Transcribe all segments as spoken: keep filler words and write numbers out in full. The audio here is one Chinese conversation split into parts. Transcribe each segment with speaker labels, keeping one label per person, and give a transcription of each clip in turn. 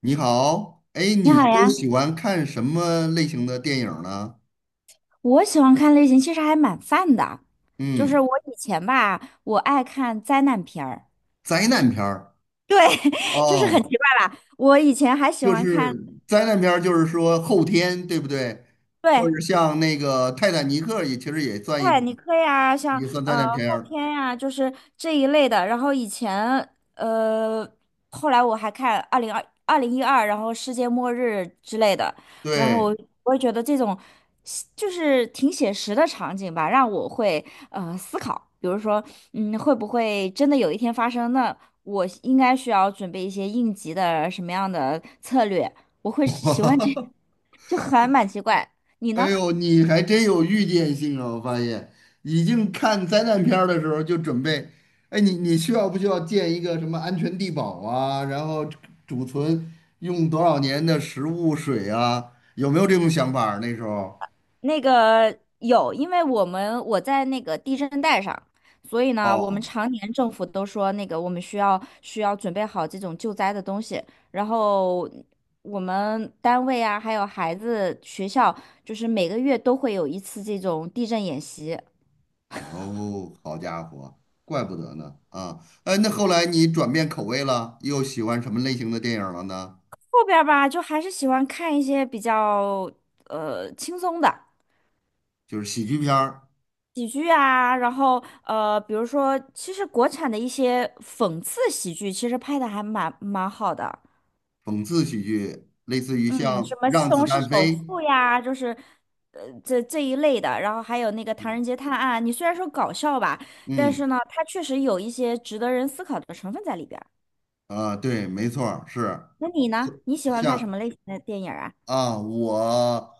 Speaker 1: 你好，哎，
Speaker 2: 你
Speaker 1: 你
Speaker 2: 好
Speaker 1: 都
Speaker 2: 呀，
Speaker 1: 喜欢看什么类型的电影儿呢？
Speaker 2: 我喜欢看类型其实还蛮泛的，就是
Speaker 1: 嗯，
Speaker 2: 我以前吧，我爱看灾难片儿，
Speaker 1: 灾难片儿。
Speaker 2: 对，就是很奇
Speaker 1: 哦，
Speaker 2: 怪吧，我以前还喜
Speaker 1: 就
Speaker 2: 欢
Speaker 1: 是
Speaker 2: 看，
Speaker 1: 灾难片儿，就是说后天，对不对？或
Speaker 2: 对，
Speaker 1: 者像那个《泰坦尼克》也其实也算一
Speaker 2: 哎，
Speaker 1: 种，
Speaker 2: 你可以啊，像
Speaker 1: 也算灾
Speaker 2: 呃
Speaker 1: 难片
Speaker 2: 后
Speaker 1: 儿。
Speaker 2: 天呀、就是这一类的。然后以前呃，后来我还看二零二二零一二，然后世界末日之类的。然
Speaker 1: 对。
Speaker 2: 后我也觉得这种写就是挺写实的场景吧，让我会呃思考，比如说嗯，会不会真的有一天发生？那我应该需要准备一些应急的什么样的策略？我会喜欢这，就还蛮奇怪。你
Speaker 1: 哎
Speaker 2: 呢？
Speaker 1: 呦，你还真有预见性啊！我发现，已经看灾难片儿的时候就准备，哎，你你需要不需要建一个什么安全地堡啊？然后储存用多少年的食物水啊？有没有这种想法儿那时候。
Speaker 2: 那个有，因为我们我在那个地震带上，所以呢，我们
Speaker 1: 哦
Speaker 2: 常年政府都说那个我们需要需要准备好这种救灾的东西，然后我们单位啊，还有孩子学校，就是每个月都会有一次这种地震演习。
Speaker 1: 哦，好家伙，怪不得呢啊！哎，那后来你转变口味了，又喜欢什么类型的电影了呢？
Speaker 2: 后边儿吧，就还是喜欢看一些比较呃轻松的
Speaker 1: 就是喜剧片儿、
Speaker 2: 喜剧啊，然后呃，比如说，其实国产的一些讽刺喜剧，其实拍的还蛮蛮好的。
Speaker 1: 讽刺喜剧，类似于
Speaker 2: 嗯，
Speaker 1: 像
Speaker 2: 什么《西
Speaker 1: 《让子
Speaker 2: 红柿
Speaker 1: 弹
Speaker 2: 首
Speaker 1: 飞》。
Speaker 2: 富》呀，就是，呃，这这一类的，然后还有那个《唐人街探案》，你虽然说搞笑吧，但
Speaker 1: 嗯。
Speaker 2: 是呢，它确实有一些值得人思考的成分在里边儿。
Speaker 1: 啊，对，没错儿是
Speaker 2: 那你呢？你喜欢看什
Speaker 1: 像
Speaker 2: 么类型的电影儿啊？
Speaker 1: 啊，我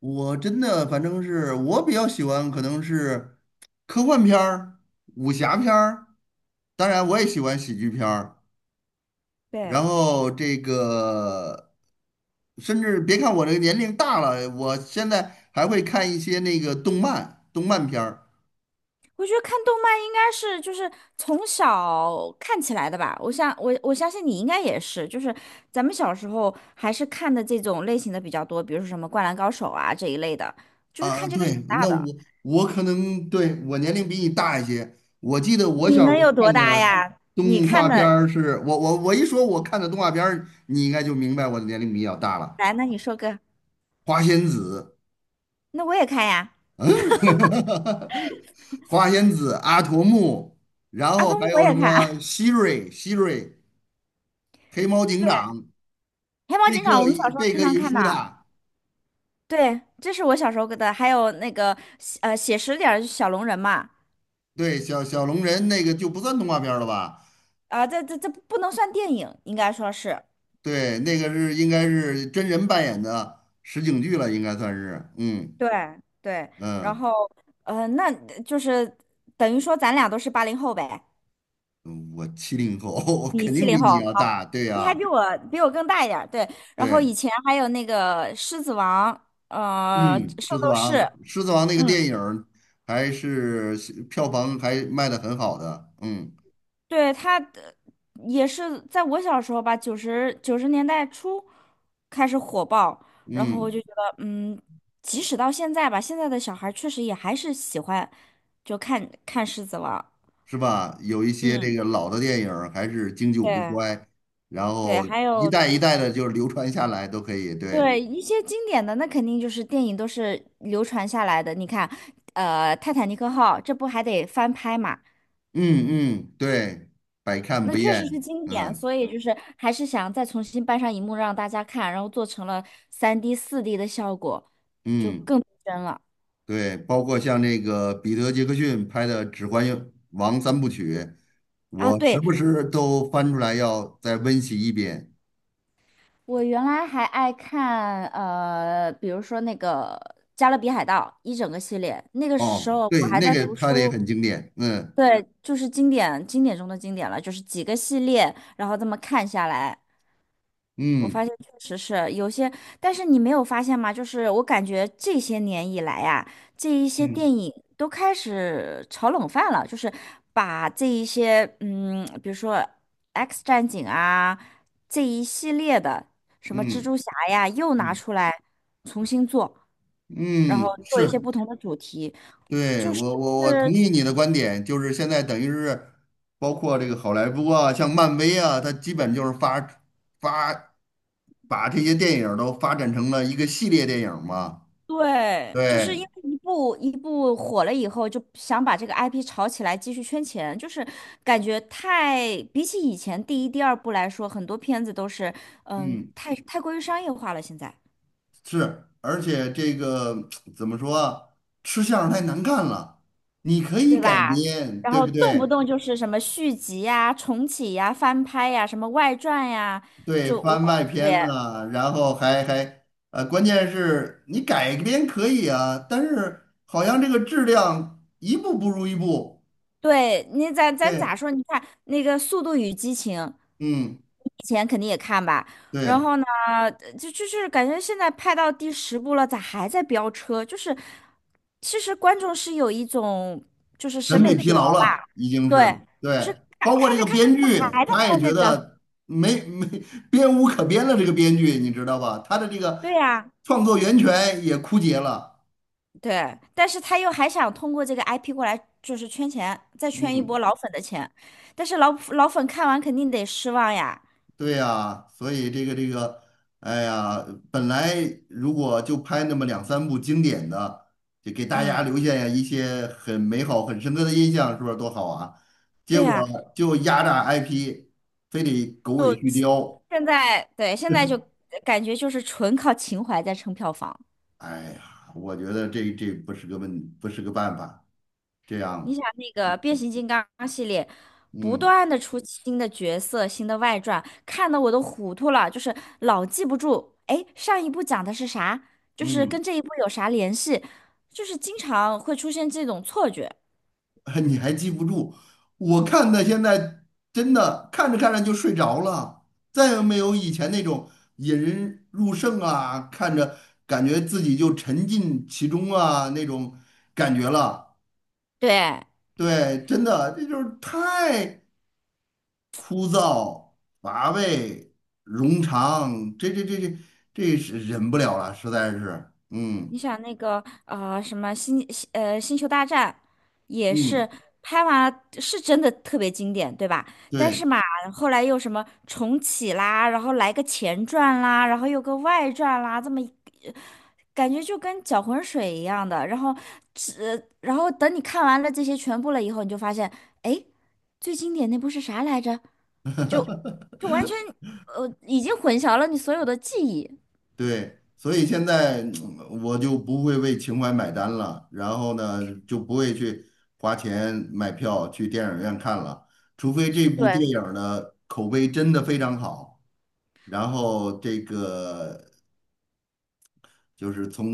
Speaker 1: 我真的反正是我比较喜欢，可能是科幻片儿、武侠片儿，当然我也喜欢喜剧片儿。然
Speaker 2: 对，
Speaker 1: 后这个，甚至别看我这个年龄大了，我现在还会看一些那个动漫、动漫片儿。
Speaker 2: 我觉得看动漫应该是就是从小看起来的吧。我想我我相信你应该也是，就是咱们小时候还是看的这种类型的比较多，比如说什么《灌篮高手》啊这一类的，就是
Speaker 1: 啊，
Speaker 2: 看这个
Speaker 1: 对，
Speaker 2: 长大
Speaker 1: 那
Speaker 2: 的。
Speaker 1: 我我可能对我年龄比你大一些。我记得我
Speaker 2: 你
Speaker 1: 小时
Speaker 2: 能
Speaker 1: 候
Speaker 2: 有多
Speaker 1: 看
Speaker 2: 大
Speaker 1: 的
Speaker 2: 呀？你
Speaker 1: 动
Speaker 2: 看
Speaker 1: 画片
Speaker 2: 的
Speaker 1: 儿是，我我我一说我看的动画片儿，你应该就明白我的年龄比较大了。
Speaker 2: 来，那你说个，
Speaker 1: 花仙子，
Speaker 2: 那我也看呀，
Speaker 1: 嗯，花仙子、阿童木，然
Speaker 2: 阿
Speaker 1: 后还
Speaker 2: 童我
Speaker 1: 有
Speaker 2: 也
Speaker 1: 什么
Speaker 2: 看，
Speaker 1: 希瑞、希瑞、黑猫警
Speaker 2: 对，
Speaker 1: 长、
Speaker 2: 黑猫
Speaker 1: 贝
Speaker 2: 警
Speaker 1: 克
Speaker 2: 长我们小时候
Speaker 1: 贝
Speaker 2: 经
Speaker 1: 克
Speaker 2: 常
Speaker 1: 与
Speaker 2: 看
Speaker 1: 舒
Speaker 2: 的，
Speaker 1: 塔。
Speaker 2: 对，这是我小时候的，还有那个呃写实点儿就小龙人嘛，
Speaker 1: 对，小小龙人那个就不算动画片儿了吧？
Speaker 2: 啊、这这这不能算电影，应该说是，
Speaker 1: 对，那个是应该是真人扮演的实景剧了，应该算是。嗯
Speaker 2: 对对，然
Speaker 1: 嗯，
Speaker 2: 后呃那就是等于说咱俩都是八零后呗，
Speaker 1: 嗯我七零后，我
Speaker 2: 你
Speaker 1: 肯
Speaker 2: 七
Speaker 1: 定
Speaker 2: 零
Speaker 1: 比
Speaker 2: 后，
Speaker 1: 你要
Speaker 2: 好，
Speaker 1: 大。对
Speaker 2: 你还
Speaker 1: 呀、
Speaker 2: 比我比我更大一点儿，对，然后
Speaker 1: 对。
Speaker 2: 以前还有那个狮子王，
Speaker 1: 嗯，
Speaker 2: 呃，圣
Speaker 1: 《狮子
Speaker 2: 斗
Speaker 1: 王》
Speaker 2: 士。
Speaker 1: 《狮子王》那个
Speaker 2: 嗯。
Speaker 1: 电影儿还是票房还卖的很好的。嗯
Speaker 2: 对，他的也是在我小时候吧，九十九十年代初开始火爆，然后我
Speaker 1: 嗯，
Speaker 2: 就觉得，嗯，即使到现在吧，现在的小孩儿确实也还是喜欢就看看《狮子王》。
Speaker 1: 是吧？有一些这
Speaker 2: 嗯，
Speaker 1: 个老的电影儿还是经久不
Speaker 2: 对
Speaker 1: 衰，然
Speaker 2: 对，
Speaker 1: 后
Speaker 2: 还
Speaker 1: 一
Speaker 2: 有
Speaker 1: 代一代的就流传下来都可以。对，
Speaker 2: 对一些经典的，那肯定就是电影都是流传下来的。你看，呃，《泰坦尼克号》这不还得翻拍嘛？
Speaker 1: 嗯嗯，对，百看
Speaker 2: 那
Speaker 1: 不
Speaker 2: 确实
Speaker 1: 厌。
Speaker 2: 是经典，
Speaker 1: 嗯
Speaker 2: 所以就是还是想再重新搬上荧幕让大家看，然后做成了三 d 四 d 的效果，
Speaker 1: 嗯。
Speaker 2: 真了
Speaker 1: 对，包括像那个彼得·杰克逊拍的《指环王》三部曲，
Speaker 2: 啊！
Speaker 1: 我时
Speaker 2: 对，
Speaker 1: 不时都翻出来要再温习一遍。
Speaker 2: 我原来还爱看呃，比如说那个《加勒比海盗》一整个系列，那个时
Speaker 1: 哦，
Speaker 2: 候我
Speaker 1: 对，
Speaker 2: 还
Speaker 1: 那
Speaker 2: 在
Speaker 1: 个
Speaker 2: 读
Speaker 1: 拍的也
Speaker 2: 书，
Speaker 1: 很经典。嗯
Speaker 2: 对，就是经典经典中的经典了，就是几个系列，然后这么看下来。我
Speaker 1: 嗯
Speaker 2: 发现确实是有些，但是你没有发现吗？就是我感觉这些年以来呀、这一些
Speaker 1: 嗯
Speaker 2: 电影都开始炒冷饭了，就是把这一些，嗯，比如说《X 战警》啊，这一系列的什么蜘
Speaker 1: 嗯
Speaker 2: 蛛侠呀，又拿
Speaker 1: 嗯
Speaker 2: 出来重新做，然后
Speaker 1: 嗯，
Speaker 2: 做一些
Speaker 1: 是，
Speaker 2: 不同的主题，
Speaker 1: 对，
Speaker 2: 就是
Speaker 1: 我我我同意你的观点，就是现在等于是包括这个好莱坞啊，像漫威啊，它基本就是发发把这些电影儿都发展成了一个系列电影儿嘛。
Speaker 2: 对，就是因
Speaker 1: 对，
Speaker 2: 为一部一部火了以后，就想把这个 I P 炒起来，继续圈钱，就是感觉太比起以前第一、第二部来说，很多片子都是嗯
Speaker 1: 嗯。
Speaker 2: 太太过于商业化了，现在
Speaker 1: 是，而且这个 怎么说啊，吃相太难看了，你可以
Speaker 2: 对
Speaker 1: 改
Speaker 2: 吧？
Speaker 1: 编，
Speaker 2: 然
Speaker 1: 对
Speaker 2: 后
Speaker 1: 不
Speaker 2: 动不
Speaker 1: 对？
Speaker 2: 动就是什么续集呀、重启呀、翻拍呀、什么外传呀，
Speaker 1: 对，
Speaker 2: 就我
Speaker 1: 翻
Speaker 2: 感
Speaker 1: 外
Speaker 2: 觉特别。
Speaker 1: 篇呐、然后还还呃，关键是你改编可以啊，但是好像这个质量一步不如一步。
Speaker 2: 对，你咱咱咋
Speaker 1: 对，
Speaker 2: 说？你看那个《速度与激情》，
Speaker 1: 嗯，
Speaker 2: 以前肯定也看吧。然
Speaker 1: 对。
Speaker 2: 后呢，就就是感觉现在拍到第十部了，咋还在飙车？就是其实观众是有一种就是
Speaker 1: 审
Speaker 2: 审
Speaker 1: 美
Speaker 2: 美
Speaker 1: 疲
Speaker 2: 疲劳
Speaker 1: 劳
Speaker 2: 吧？
Speaker 1: 了，已经是
Speaker 2: 对，就是
Speaker 1: 对，
Speaker 2: 看
Speaker 1: 包括
Speaker 2: 看
Speaker 1: 这个
Speaker 2: 着看着
Speaker 1: 编
Speaker 2: 怎么
Speaker 1: 剧，
Speaker 2: 还在
Speaker 1: 他也
Speaker 2: 拍
Speaker 1: 觉
Speaker 2: 这个？
Speaker 1: 得没没编无可编了，这个编剧你知道吧？他的这个
Speaker 2: 对呀，
Speaker 1: 创作源泉也枯竭了，
Speaker 2: 对。但是他又还想通过这个 I P 过来就是圈钱，再圈一波
Speaker 1: 嗯，
Speaker 2: 老粉的钱。但是老老粉看完肯定得失望呀。
Speaker 1: 对呀，所以这个这个，哎呀，本来如果就拍那么两三部经典的，就给大家
Speaker 2: 嗯，
Speaker 1: 留下一些很美好、很深刻的印象，是不是多好啊？结
Speaker 2: 对呀，
Speaker 1: 果就压榨 I P，非得狗尾
Speaker 2: 就
Speaker 1: 续貂。
Speaker 2: 现在，对，现在就感觉就是纯靠情怀在撑票房。
Speaker 1: 哎呀，我觉得这这不是个问，不是个办法。这
Speaker 2: 你
Speaker 1: 样，
Speaker 2: 想那个变形金刚系列，不
Speaker 1: 嗯
Speaker 2: 断的出新的角色、新的外传，看得我都糊涂了，就是老记不住，哎，上一部讲的是啥，就是
Speaker 1: 嗯，
Speaker 2: 跟这一部有啥联系，就是经常会出现这种错觉。
Speaker 1: 你还记不住？我看的现在真的看着看着就睡着了，再也没有以前那种引人入胜啊，看着感觉自己就沉浸其中啊那种感觉了。
Speaker 2: 对，
Speaker 1: 对，真的，这就是太枯燥、乏味、冗长，这这这这这是忍不了了，实在是，嗯。
Speaker 2: 你想那个呃什么星星呃星球大战，也
Speaker 1: 嗯，
Speaker 2: 是拍完是真的特别经典，对吧？但
Speaker 1: 对
Speaker 2: 是嘛，后来又什么重启啦，然后来个前传啦，然后又个外传啦，这么一呃感觉就跟搅浑水一样的。然后只然后等你看完了这些全部了以后，你就发现，哎，最经典那部是啥来着？就就完全呃已经混淆了你所有的记忆。
Speaker 1: 对，所以现在嗯我就不会为情怀买单了，然后呢，就不会去花钱买票去电影院看了，除非这部
Speaker 2: 对。
Speaker 1: 电影儿呢口碑真的非常好，然后这个就是从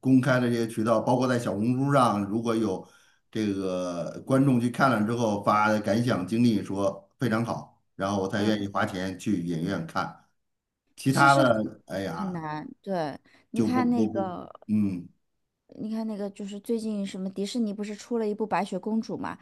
Speaker 1: 公开的这些渠道，包括在小红书上，如果有这个观众去看了之后发的感想经历说非常好，然后我才愿意
Speaker 2: 嗯。
Speaker 1: 花钱去影院看，其
Speaker 2: 其
Speaker 1: 他
Speaker 2: 实很
Speaker 1: 的，哎
Speaker 2: 很
Speaker 1: 呀。
Speaker 2: 难，对，你
Speaker 1: 就不
Speaker 2: 看
Speaker 1: 不
Speaker 2: 那
Speaker 1: 不，
Speaker 2: 个，
Speaker 1: 嗯，
Speaker 2: 你看那个，就是最近什么迪士尼不是出了一部《白雪公主》嘛，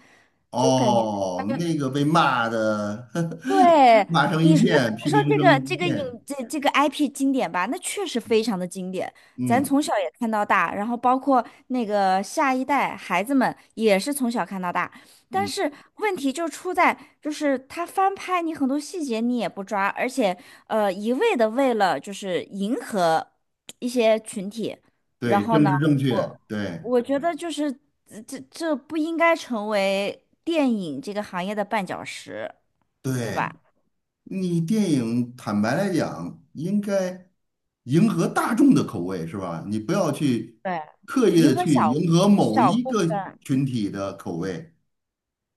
Speaker 2: 就感觉。
Speaker 1: 哦，那个被骂的。
Speaker 2: 对，
Speaker 1: 骂成一
Speaker 2: 你说
Speaker 1: 片，批
Speaker 2: 你说
Speaker 1: 评
Speaker 2: 这
Speaker 1: 成
Speaker 2: 个
Speaker 1: 一
Speaker 2: 这个影
Speaker 1: 片，
Speaker 2: 这这个 I P 经典吧，那确实非常的经典，咱
Speaker 1: 嗯
Speaker 2: 从小也看到大，然后包括那个下一代孩子们也是从小看到大，但
Speaker 1: 嗯，
Speaker 2: 是问题就出在就是他翻拍你很多细节你也不抓，而且呃一味的为了就是迎合一些群体，然
Speaker 1: 对，
Speaker 2: 后
Speaker 1: 政
Speaker 2: 呢，
Speaker 1: 治正确，
Speaker 2: 我
Speaker 1: 对
Speaker 2: 我觉得就是这这这不应该成为电影这个行业的绊脚石，对
Speaker 1: 对，
Speaker 2: 吧？
Speaker 1: 你电影坦白来讲，应该迎合大众的口味是吧？你不要去
Speaker 2: 对，
Speaker 1: 刻意
Speaker 2: 银
Speaker 1: 的
Speaker 2: 河
Speaker 1: 去
Speaker 2: 小
Speaker 1: 迎合某
Speaker 2: 小
Speaker 1: 一
Speaker 2: 部
Speaker 1: 个
Speaker 2: 分，
Speaker 1: 群体的口味，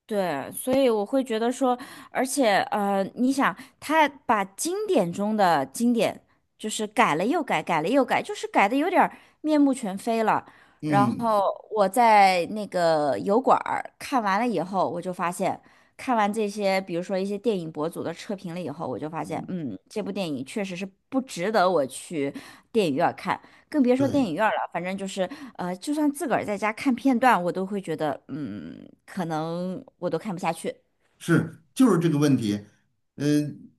Speaker 2: 对，所以我会觉得说，而且呃，你想，他把经典中的经典，就是改了又改，改了又改，就是改的有点儿面目全非了。然
Speaker 1: 嗯
Speaker 2: 后我在那个油管儿看完了以后，我就发现，看完这些，比如说一些电影博主的测评了以后，我就发现，
Speaker 1: 嗯，
Speaker 2: 嗯，这部电影确实是不值得我去电影院看。更别说电
Speaker 1: 对。
Speaker 2: 影院了，反正就是呃，就算自个儿在家看片段，我都会觉得，嗯，可能我都看不下去。
Speaker 1: 是，就是这个问题。嗯，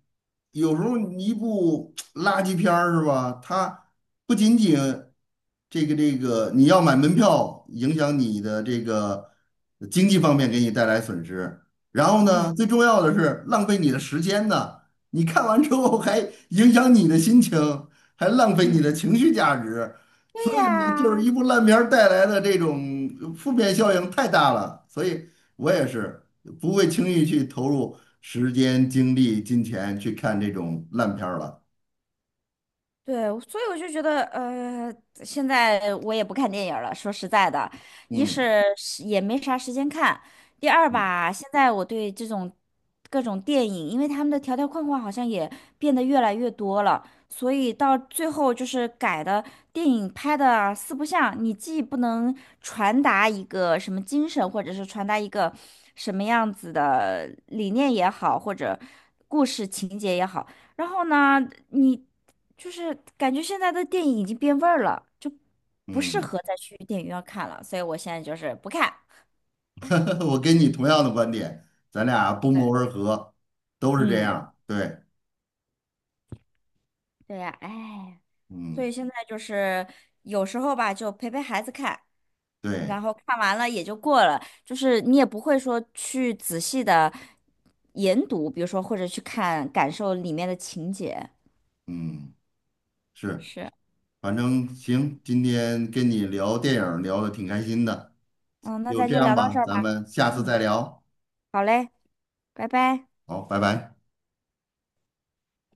Speaker 1: 有时候一部 垃圾片儿是吧？它不仅仅这个这个，你要买门票，影响你的这个经济方面给你带来损失。然后
Speaker 2: 嗯
Speaker 1: 呢，最重要的是浪费你的时间呢。你看完之后还影响你的心情，还浪费你的
Speaker 2: 嗯，
Speaker 1: 情绪价值。
Speaker 2: 对
Speaker 1: 所以呢，就是
Speaker 2: 呀。
Speaker 1: 一部烂片儿带来的这种负面效应太大了。所以我也是不会轻易去投入时间、精力、金钱去看这种烂片儿了。
Speaker 2: 对，所以我就觉得，呃，现在我也不看电影儿了。说实在的，一
Speaker 1: 嗯
Speaker 2: 是是也没啥时间看，第二吧，现在我对这种各种电影，因为他们的条条框框好像也变得越来越多了，所以到最后就是改的电影拍的四不像，你既不能传达一个什么精神，或者是传达一个什么样子的理念也好，或者故事情节也好。然后呢，你就是感觉现在的电影已经变味儿了，就不适
Speaker 1: 嗯，
Speaker 2: 合再去电影院看了，所以我现在就是不看。
Speaker 1: 我跟你同样的观点，咱俩不谋而合，都是这
Speaker 2: 嗯，
Speaker 1: 样。对，
Speaker 2: 对呀，哎，所
Speaker 1: 嗯，
Speaker 2: 以现在就是有时候吧，就陪陪孩子看，
Speaker 1: 对，
Speaker 2: 然后看完了也就过了，就是你也不会说去仔细的研读，比如说或者去看感受里面的情节。
Speaker 1: 嗯，是，
Speaker 2: 是，
Speaker 1: 反正行，今天跟你聊电影儿聊的挺开心的，
Speaker 2: 嗯，那
Speaker 1: 就
Speaker 2: 咱
Speaker 1: 这
Speaker 2: 就
Speaker 1: 样
Speaker 2: 聊到这
Speaker 1: 吧，
Speaker 2: 儿
Speaker 1: 咱
Speaker 2: 吧。
Speaker 1: 们下次
Speaker 2: 嗯，
Speaker 1: 再聊。
Speaker 2: 好嘞，拜拜。
Speaker 1: 好，拜拜。